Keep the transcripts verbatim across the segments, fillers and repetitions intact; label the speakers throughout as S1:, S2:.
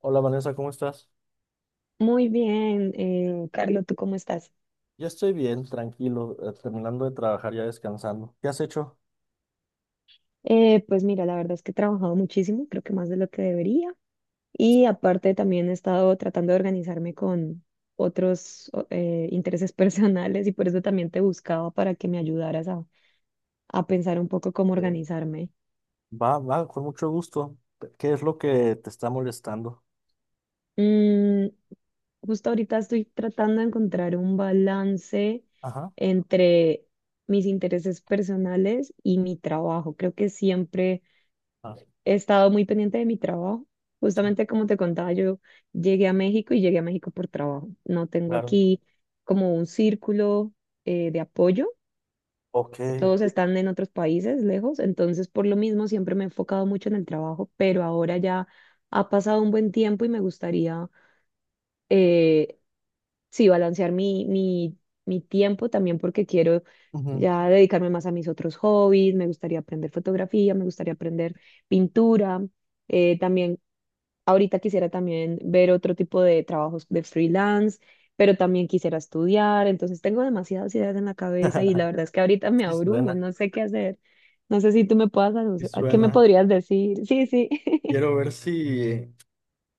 S1: Hola Vanessa, ¿cómo estás?
S2: Muy bien, eh, Carlos, ¿tú cómo estás?
S1: Ya estoy bien, tranquilo, eh, terminando de trabajar, ya descansando. ¿Qué has hecho?
S2: Eh, pues mira, la verdad es que he trabajado muchísimo, creo que más de lo que debería. Y aparte también he estado tratando de organizarme con otros o- eh, intereses personales y por eso también te buscaba para que me ayudaras a, a pensar un poco cómo
S1: ¿Eh?
S2: organizarme.
S1: Va, va, con mucho gusto. ¿Qué es lo que te está molestando?
S2: Mm, Justo ahorita estoy tratando de encontrar un balance
S1: Ajá.
S2: entre mis intereses personales y mi trabajo. Creo que siempre
S1: Ah,
S2: he estado muy pendiente de mi trabajo.
S1: sí,
S2: Justamente como te contaba, yo llegué a México y llegué a México por trabajo. No tengo
S1: claro.
S2: aquí como un círculo eh, de apoyo.
S1: Ok.
S2: Todos están en otros países lejos, entonces por lo mismo siempre me he enfocado mucho en el trabajo, pero ahora ya ha pasado un buen tiempo y me gustaría, eh, sí, balancear mi, mi, mi tiempo también porque quiero
S1: Ujú.
S2: ya dedicarme más a mis otros hobbies, me gustaría aprender fotografía, me gustaría aprender pintura. Eh, también Ahorita quisiera también ver otro tipo de trabajos de freelance, pero también quisiera estudiar. Entonces tengo demasiadas ideas en la cabeza y la verdad es que ahorita me
S1: Sí
S2: abrumo,
S1: suena,
S2: no sé qué hacer. No sé si tú me puedas,
S1: sí
S2: alu- ¿qué me
S1: suena.
S2: podrías decir? Sí, sí.
S1: Quiero ver si,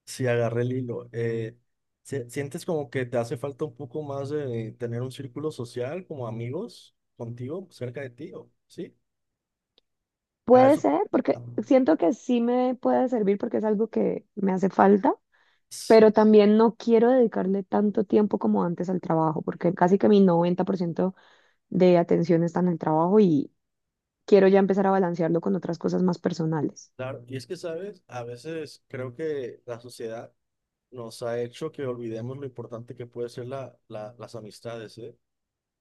S1: si agarré el hilo. Eh, ¿sie- ¿sientes como que te hace falta un poco más de tener un círculo social, como amigos contigo, cerca de ti? ¿O- ¿Sí? Ah,
S2: Puede
S1: eso.
S2: ser,
S1: Ah,
S2: porque siento que sí me puede servir porque es algo que me hace falta,
S1: sí.
S2: pero también no quiero dedicarle tanto tiempo como antes al trabajo, porque casi que mi noventa por ciento de atención está en el trabajo y quiero ya empezar a balancearlo con otras cosas más personales.
S1: Claro, y es que, ¿sabes? A veces creo que la sociedad nos ha hecho que olvidemos lo importante que puede ser la, la- las amistades, ¿eh?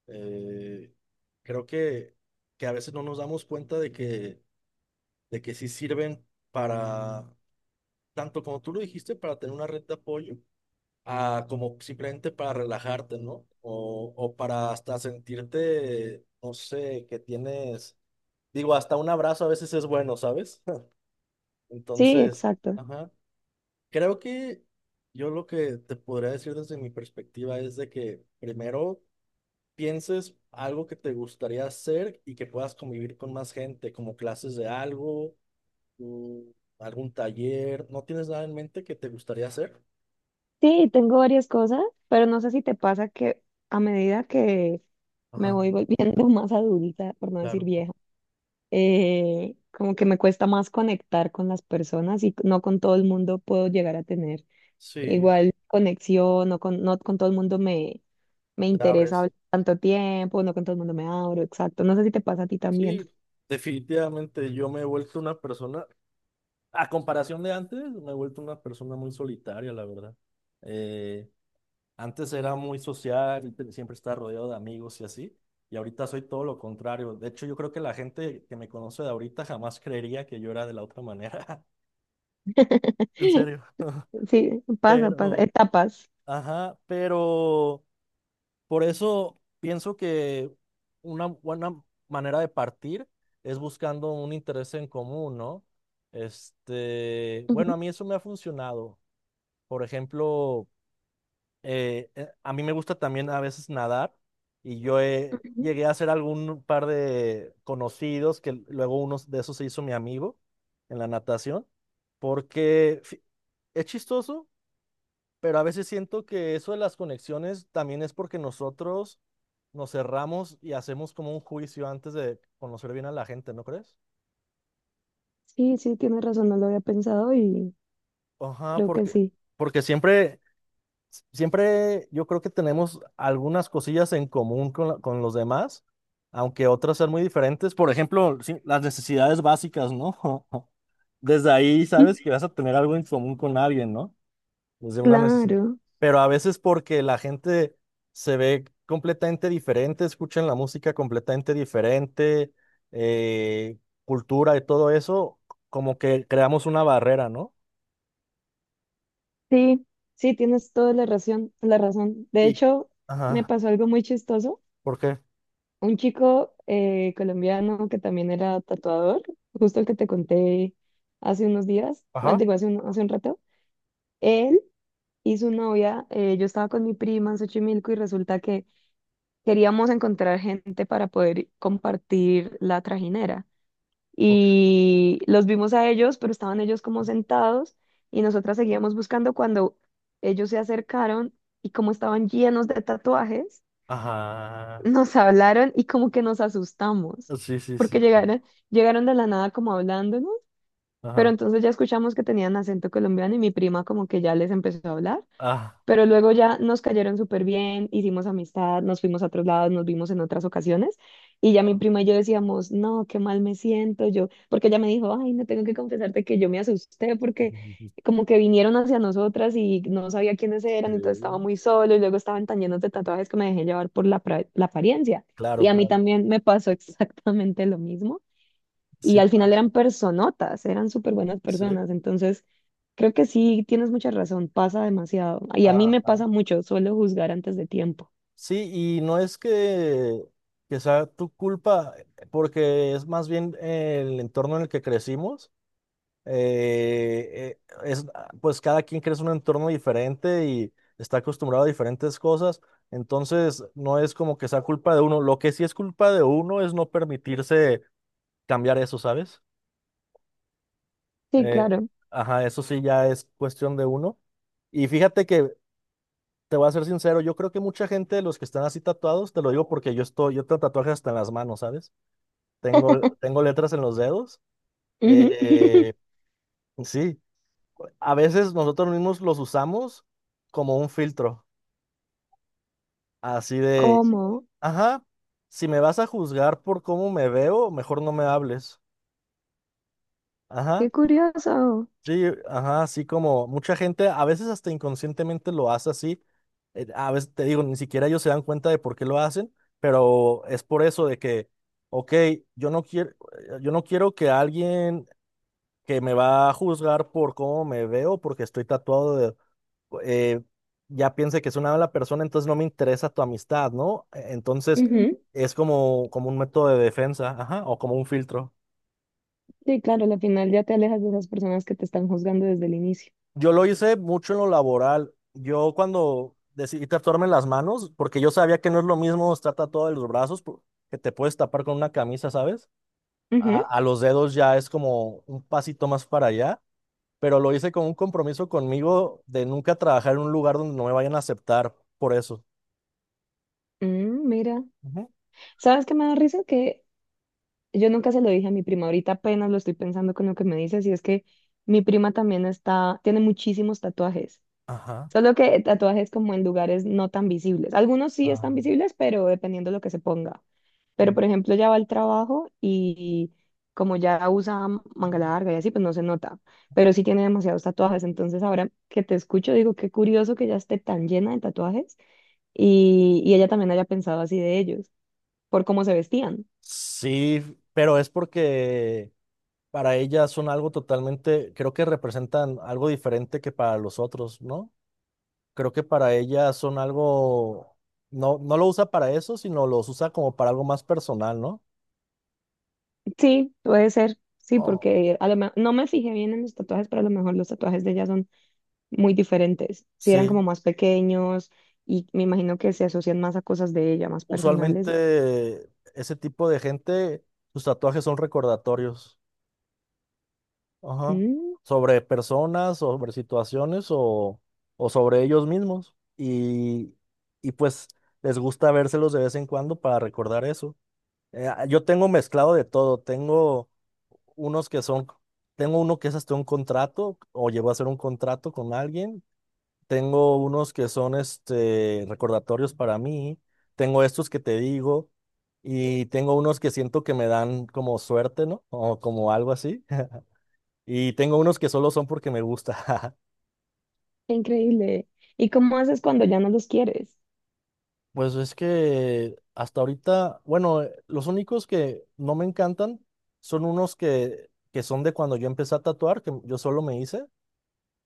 S1: Eh, creo que, que a veces no nos damos cuenta de que, de que sí sirven para, tanto como tú lo dijiste, para tener una red de apoyo, a, como simplemente para relajarte, ¿no? O, o para hasta sentirte, no sé, que tienes, digo, hasta un abrazo a veces es bueno, ¿sabes?
S2: Sí,
S1: Entonces,
S2: exacto.
S1: ajá. Creo que yo lo que te podría decir desde mi perspectiva es de que primero pienses algo que te gustaría hacer y que puedas convivir con más gente, como clases de algo, mm, algún taller. ¿No tienes nada en mente que te gustaría hacer?
S2: Sí, tengo varias cosas, pero no sé si te pasa que a medida que me
S1: Ajá,
S2: voy volviendo más adulta, por no decir
S1: claro.
S2: vieja, eh, como que me cuesta más conectar con las personas y no con todo el mundo puedo llegar a tener
S1: Sí,
S2: igual conexión, no con, no con todo el mundo me, me
S1: te
S2: interesa
S1: abres.
S2: hablar tanto tiempo, no con todo el mundo me abro, exacto. No sé si te pasa a ti también.
S1: Sí, definitivamente yo me he vuelto una persona, a comparación de antes, me he vuelto una persona muy solitaria, la verdad. Eh, Antes era muy social, y siempre estaba rodeado de amigos y así, y ahorita soy todo lo contrario. De hecho, yo creo que la gente que me conoce de ahorita jamás creería que yo era de la otra manera. En serio.
S2: Sí, pasa, pasa,
S1: Pero,
S2: etapas.
S1: ajá, pero por eso pienso que una buena manera de partir es buscando un interés en común, ¿no? Este, bueno, a mí eso me ha funcionado. Por ejemplo, eh, eh, a mí me gusta también a veces nadar y yo eh,
S2: Ujú.
S1: llegué a hacer algún par de conocidos que luego uno de esos se hizo mi amigo en la natación, porque fi- es chistoso, pero a veces siento que eso de las conexiones también es porque nosotros nos cerramos y hacemos como un juicio antes de conocer bien a la gente, ¿no crees?
S2: Sí, sí, tienes razón, no lo había pensado y
S1: Ajá,
S2: creo que
S1: porque,
S2: sí.
S1: porque siempre s- siempre yo creo que tenemos algunas cosillas en común con, la- con los demás, aunque otras sean muy diferentes. Por ejemplo, sí, las necesidades básicas, ¿no? Desde ahí sabes que vas a tener algo en común con alguien, ¿no? Desde una Sí. necesidad.
S2: Claro,
S1: Pero a veces porque la gente se ve completamente diferente, escuchan la música completamente diferente, eh, cultura y todo eso, como que creamos una barrera, ¿no?
S2: sí, sí, tienes toda la razón, la razón. De
S1: Y,
S2: hecho, me
S1: ajá,
S2: pasó algo muy chistoso.
S1: ¿por qué?
S2: Un chico eh, colombiano que también era tatuador, justo el que te conté hace unos días, ah,
S1: Ajá.
S2: digo, hace un, hace un rato, él y su novia, eh, yo estaba con mi prima en Xochimilco y resulta que queríamos encontrar gente para poder compartir la trajinera.
S1: Ok.
S2: Y los vimos a ellos, pero estaban ellos como sentados y nosotras seguíamos buscando cuando ellos se acercaron y como estaban llenos de tatuajes,
S1: Ajá.
S2: nos hablaron y como que nos asustamos
S1: Sí, sí,
S2: porque
S1: sí, sí.
S2: llegaron, llegaron de la nada como hablándonos, pero
S1: Ajá.
S2: entonces ya escuchamos que tenían acento colombiano y mi prima como que ya les empezó a hablar,
S1: Ah,
S2: pero luego ya nos cayeron súper bien, hicimos amistad, nos fuimos a otros lados, nos vimos en otras ocasiones. Y ya mi
S1: claro.
S2: prima y yo decíamos, no, qué mal me siento yo, porque ella me dijo, ay, no tengo que confesarte que yo me asusté porque como que vinieron hacia nosotras y no sabía quiénes eran, entonces estaba
S1: Sí.
S2: muy solo y luego estaban tan llenos de tatuajes que me dejé llevar por la, pra- la apariencia. Y
S1: Claro,
S2: a mí
S1: claro.
S2: también me pasó exactamente lo mismo. Y
S1: Sí
S2: al final
S1: pasa.
S2: eran personotas, eran súper buenas
S1: Sí.
S2: personas. Entonces, creo que sí, tienes mucha razón, pasa demasiado. Y a mí me
S1: Ajá.
S2: pasa mucho, suelo juzgar antes de tiempo.
S1: Sí, y no es que, que sea tu culpa, porque es más bien el entorno en el que crecimos. eh, eh, es, pues cada quien crece en un entorno diferente y está acostumbrado a diferentes cosas. Entonces, no es como que sea culpa de uno. Lo que sí es culpa de uno es no permitirse cambiar eso, ¿sabes?
S2: Sí,
S1: Eh,
S2: claro.
S1: ajá, eso sí ya es cuestión de uno. Y fíjate que te voy a ser sincero, yo creo que mucha gente de los que están así tatuados, te lo digo porque yo estoy, yo tengo tatuajes hasta en las manos, ¿sabes? Tengo, tengo letras en los dedos.
S2: Ujú.
S1: eh, sí, a veces nosotros mismos los usamos como un filtro, así de,
S2: ¿Cómo?
S1: ajá, si me vas a juzgar por cómo me veo, mejor no me hables.
S2: Qué
S1: Ajá.
S2: curioso.
S1: Sí, ajá, así como mucha gente, a veces hasta inconscientemente lo hace así, eh, a veces te digo, ni siquiera ellos se dan cuenta de por qué lo hacen, pero es por eso de que, ok, yo no quiero, yo no quiero que alguien que me va a juzgar por cómo me veo, porque estoy tatuado de, eh, ya piense que es una mala persona, entonces no me interesa tu amistad, ¿no? E-, Entonces
S2: Ujú.
S1: es como, como un método de defensa, ajá, o como un filtro.
S2: Sí, claro, al final ya te alejas de esas personas que te están juzgando desde el inicio.
S1: Yo lo hice mucho en lo laboral. Yo cuando decidí tatuarme las manos, porque yo sabía que no es lo mismo estar tatuado de los brazos, por- que te puedes tapar con una camisa, ¿sabes? A,
S2: Ujú.
S1: a los dedos ya es como un pasito más para allá, pero lo hice con un compromiso conmigo de nunca trabajar en un lugar donde no me vayan a aceptar por eso.
S2: Mm, mira.
S1: Ujú.
S2: ¿Sabes qué me da risa? Que yo nunca se lo dije a mi prima, ahorita apenas lo estoy pensando con lo que me dices, y es que mi prima también está, tiene muchísimos tatuajes.
S1: Ajá.
S2: Solo que tatuajes como en lugares no tan visibles. Algunos sí
S1: Ah,
S2: están visibles, pero dependiendo de lo que se ponga. Pero
S1: mm.
S2: por ejemplo, ya va al trabajo y como ya usa manga larga y así, pues no se nota. Pero sí tiene demasiados tatuajes. Entonces ahora que te escucho, digo, qué curioso que ya esté tan llena de tatuajes y, y ella también haya pensado así de ellos, por cómo se vestían.
S1: Sí, pero es porque para ellas son algo totalmente, creo que representan algo diferente que para los otros, ¿no? Creo que para ella son algo, no, no lo usa para eso, sino los usa como para algo más personal, ¿no?
S2: Sí, puede ser. Sí,
S1: Oh,
S2: porque a lo me- no me fijé bien en los tatuajes, pero a lo mejor los tatuajes de ella son muy diferentes. Si eran
S1: sí,
S2: como más pequeños y me imagino que se asocian más a cosas de ella, más personales.
S1: usualmente ese tipo de gente, sus tatuajes son recordatorios, ajá,
S2: Mm,
S1: sobre personas, sobre situaciones o, o sobre ellos mismos. Y, y pues les gusta vérselos de vez en cuando para recordar eso. Eh, yo tengo mezclado de todo, tengo unos que son, tengo uno que es hasta un contrato o llegó a hacer un contrato con alguien. Tengo unos que son este, recordatorios para mí. Tengo estos que te digo y tengo unos que siento que me dan como suerte, ¿no? O como algo así. Y tengo unos que solo son porque me gusta.
S2: qué increíble. ¿Y cómo haces cuando ya no los quieres?
S1: Pues es que hasta ahorita, bueno, eh, los únicos que no me encantan son unos que, que son de cuando yo empecé a tatuar, que yo solo me hice.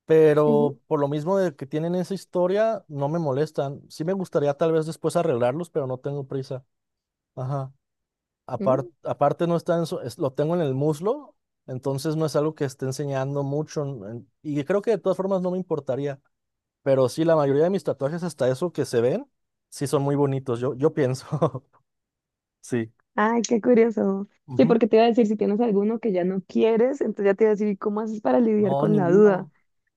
S1: Pero por lo mismo de que tienen esa historia, no me molestan. Sí me gustaría tal vez después arreglarlos, pero no tengo prisa. Ajá. Apar-
S2: Ujú.
S1: aparte no está en su- es- lo tengo en el muslo, entonces no es algo que esté enseñando mucho. en- en- y creo que de todas formas no me importaría. Pero sí, la mayoría de mis tatuajes, hasta eso que se ven, sí son muy bonitos. Yo, yo pienso. Sí.
S2: Ay, qué curioso. Sí,
S1: Ujú.
S2: porque te iba a decir, si tienes alguno que ya no quieres, entonces ya te iba a decir, ¿y cómo haces para lidiar
S1: No,
S2: con la duda?
S1: ninguno.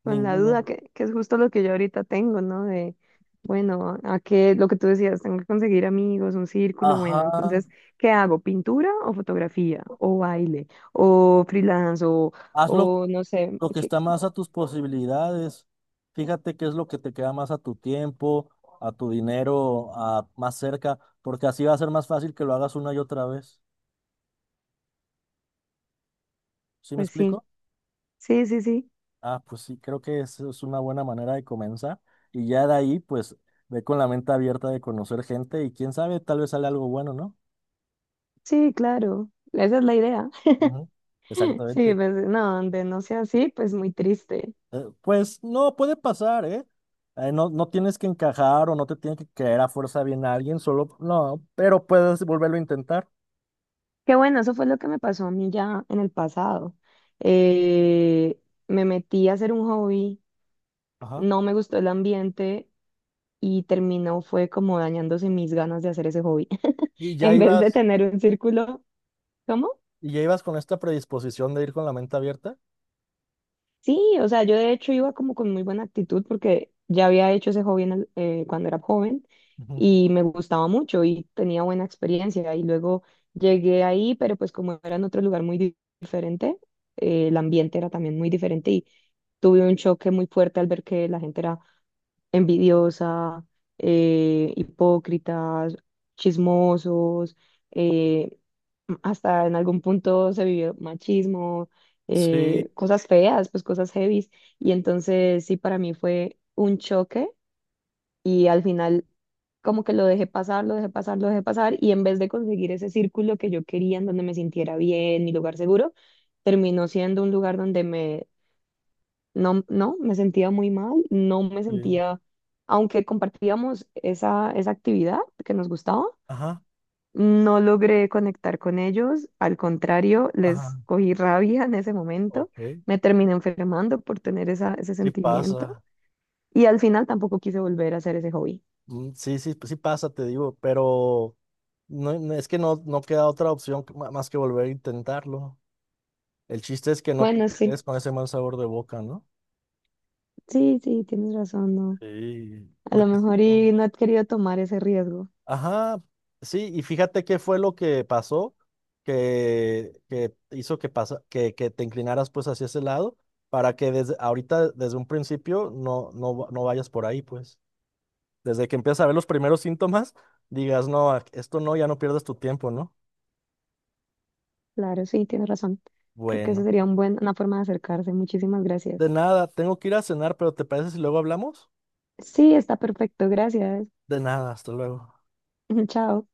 S2: Con la duda,
S1: Ninguno.
S2: que, que es justo lo que yo ahorita tengo, ¿no? De, bueno, a qué, lo que tú decías, tengo que conseguir amigos, un círculo,
S1: Ajá.
S2: bueno, entonces, ¿qué hago? ¿Pintura o fotografía? ¿O baile? ¿O freelance? ¿O,
S1: Hazlo
S2: o no sé?
S1: lo que
S2: ¿Qué?
S1: está más a tus posibilidades, fíjate qué es lo que te queda más a tu tiempo, a tu dinero, a más cerca, porque así va a ser más fácil que lo hagas una y otra vez. ¿Sí me
S2: Pues sí,
S1: explico?
S2: sí, sí, sí,
S1: Ah, pues sí, creo que eso es una buena manera de comenzar. Y ya de ahí, pues, ve con la mente abierta de conocer gente y quién sabe, tal vez sale algo bueno, ¿no?
S2: sí, claro, esa es la idea.
S1: Ujú,
S2: Sí,
S1: exactamente.
S2: pues no, donde no sea así, pues muy triste.
S1: Eh, pues no, puede pasar, ¿eh? Eh, no, no tienes que encajar o no te tiene que caer a fuerza bien a alguien, solo, no, pero puedes volverlo a intentar.
S2: Qué bueno, eso fue lo que me pasó a mí ya en el pasado. Eh, Me metí a hacer un hobby,
S1: Ajá.
S2: no me gustó el ambiente y terminó fue como dañándose mis ganas de hacer ese hobby.
S1: Y ya
S2: En vez de
S1: ibas,
S2: tener un círculo, ¿cómo?
S1: y ya ibas con esta predisposición de ir con la mente abierta.
S2: Sí, o sea, yo de hecho iba como con muy buena actitud porque ya había hecho ese hobby en el- eh, cuando era joven
S1: Ujú.
S2: y me gustaba mucho y tenía buena experiencia y luego llegué ahí, pero pues como era en otro lugar muy di- diferente, eh, el ambiente era también muy diferente y tuve un choque muy fuerte al ver que la gente era envidiosa, eh, hipócritas, chismosos, eh, hasta en algún punto se vivió machismo, eh,
S1: Sí,
S2: cosas feas, pues cosas heavies. Y entonces sí, para mí fue un choque y al final como que lo dejé pasar, lo dejé pasar, lo dejé pasar y en vez de conseguir ese círculo que yo quería, en donde me sintiera bien, mi lugar seguro, terminó siendo un lugar donde me no, no, me sentía muy mal, no me
S1: sí.
S2: sentía, aunque compartíamos esa, esa actividad que nos gustaba,
S1: Ajá.
S2: no logré conectar con ellos, al contrario,
S1: Ajá.
S2: les cogí rabia en ese momento,
S1: Ok.
S2: me terminé enfermando por tener esa, ese
S1: Sí
S2: sentimiento
S1: pasa.
S2: y al final tampoco quise volver a hacer ese hobby.
S1: Mm, sí, sí, sí pasa, te digo, pero no, no- es que no, no queda otra opción que- ma- más que volver a intentarlo. El chiste es que no te
S2: Bueno, sí,
S1: quedes con ese mal sabor de boca, ¿no?
S2: sí, sí, tienes razón, no.
S1: Sí.
S2: A lo
S1: Porque si
S2: mejor
S1: no-
S2: y no he querido tomar ese riesgo.
S1: Ajá, sí, y fíjate qué fue lo que pasó que, que hizo que, pasa, que, que te inclinaras pues hacia ese lado para que desde ahorita, desde un principio, no, no, va- no vayas por ahí, pues. Desde que empiezas a ver los primeros síntomas, digas, no, a- esto no, ya no pierdas tu tiempo, ¿no?
S2: Claro, sí, tienes razón. Creo que eso
S1: Bueno,
S2: sería un buen, una forma de acercarse. Muchísimas
S1: de
S2: gracias.
S1: nada, tengo que ir a cenar, pero ¿te parece si luego hablamos?
S2: Sí, está perfecto, gracias.
S1: De nada, hasta luego.
S2: Chao.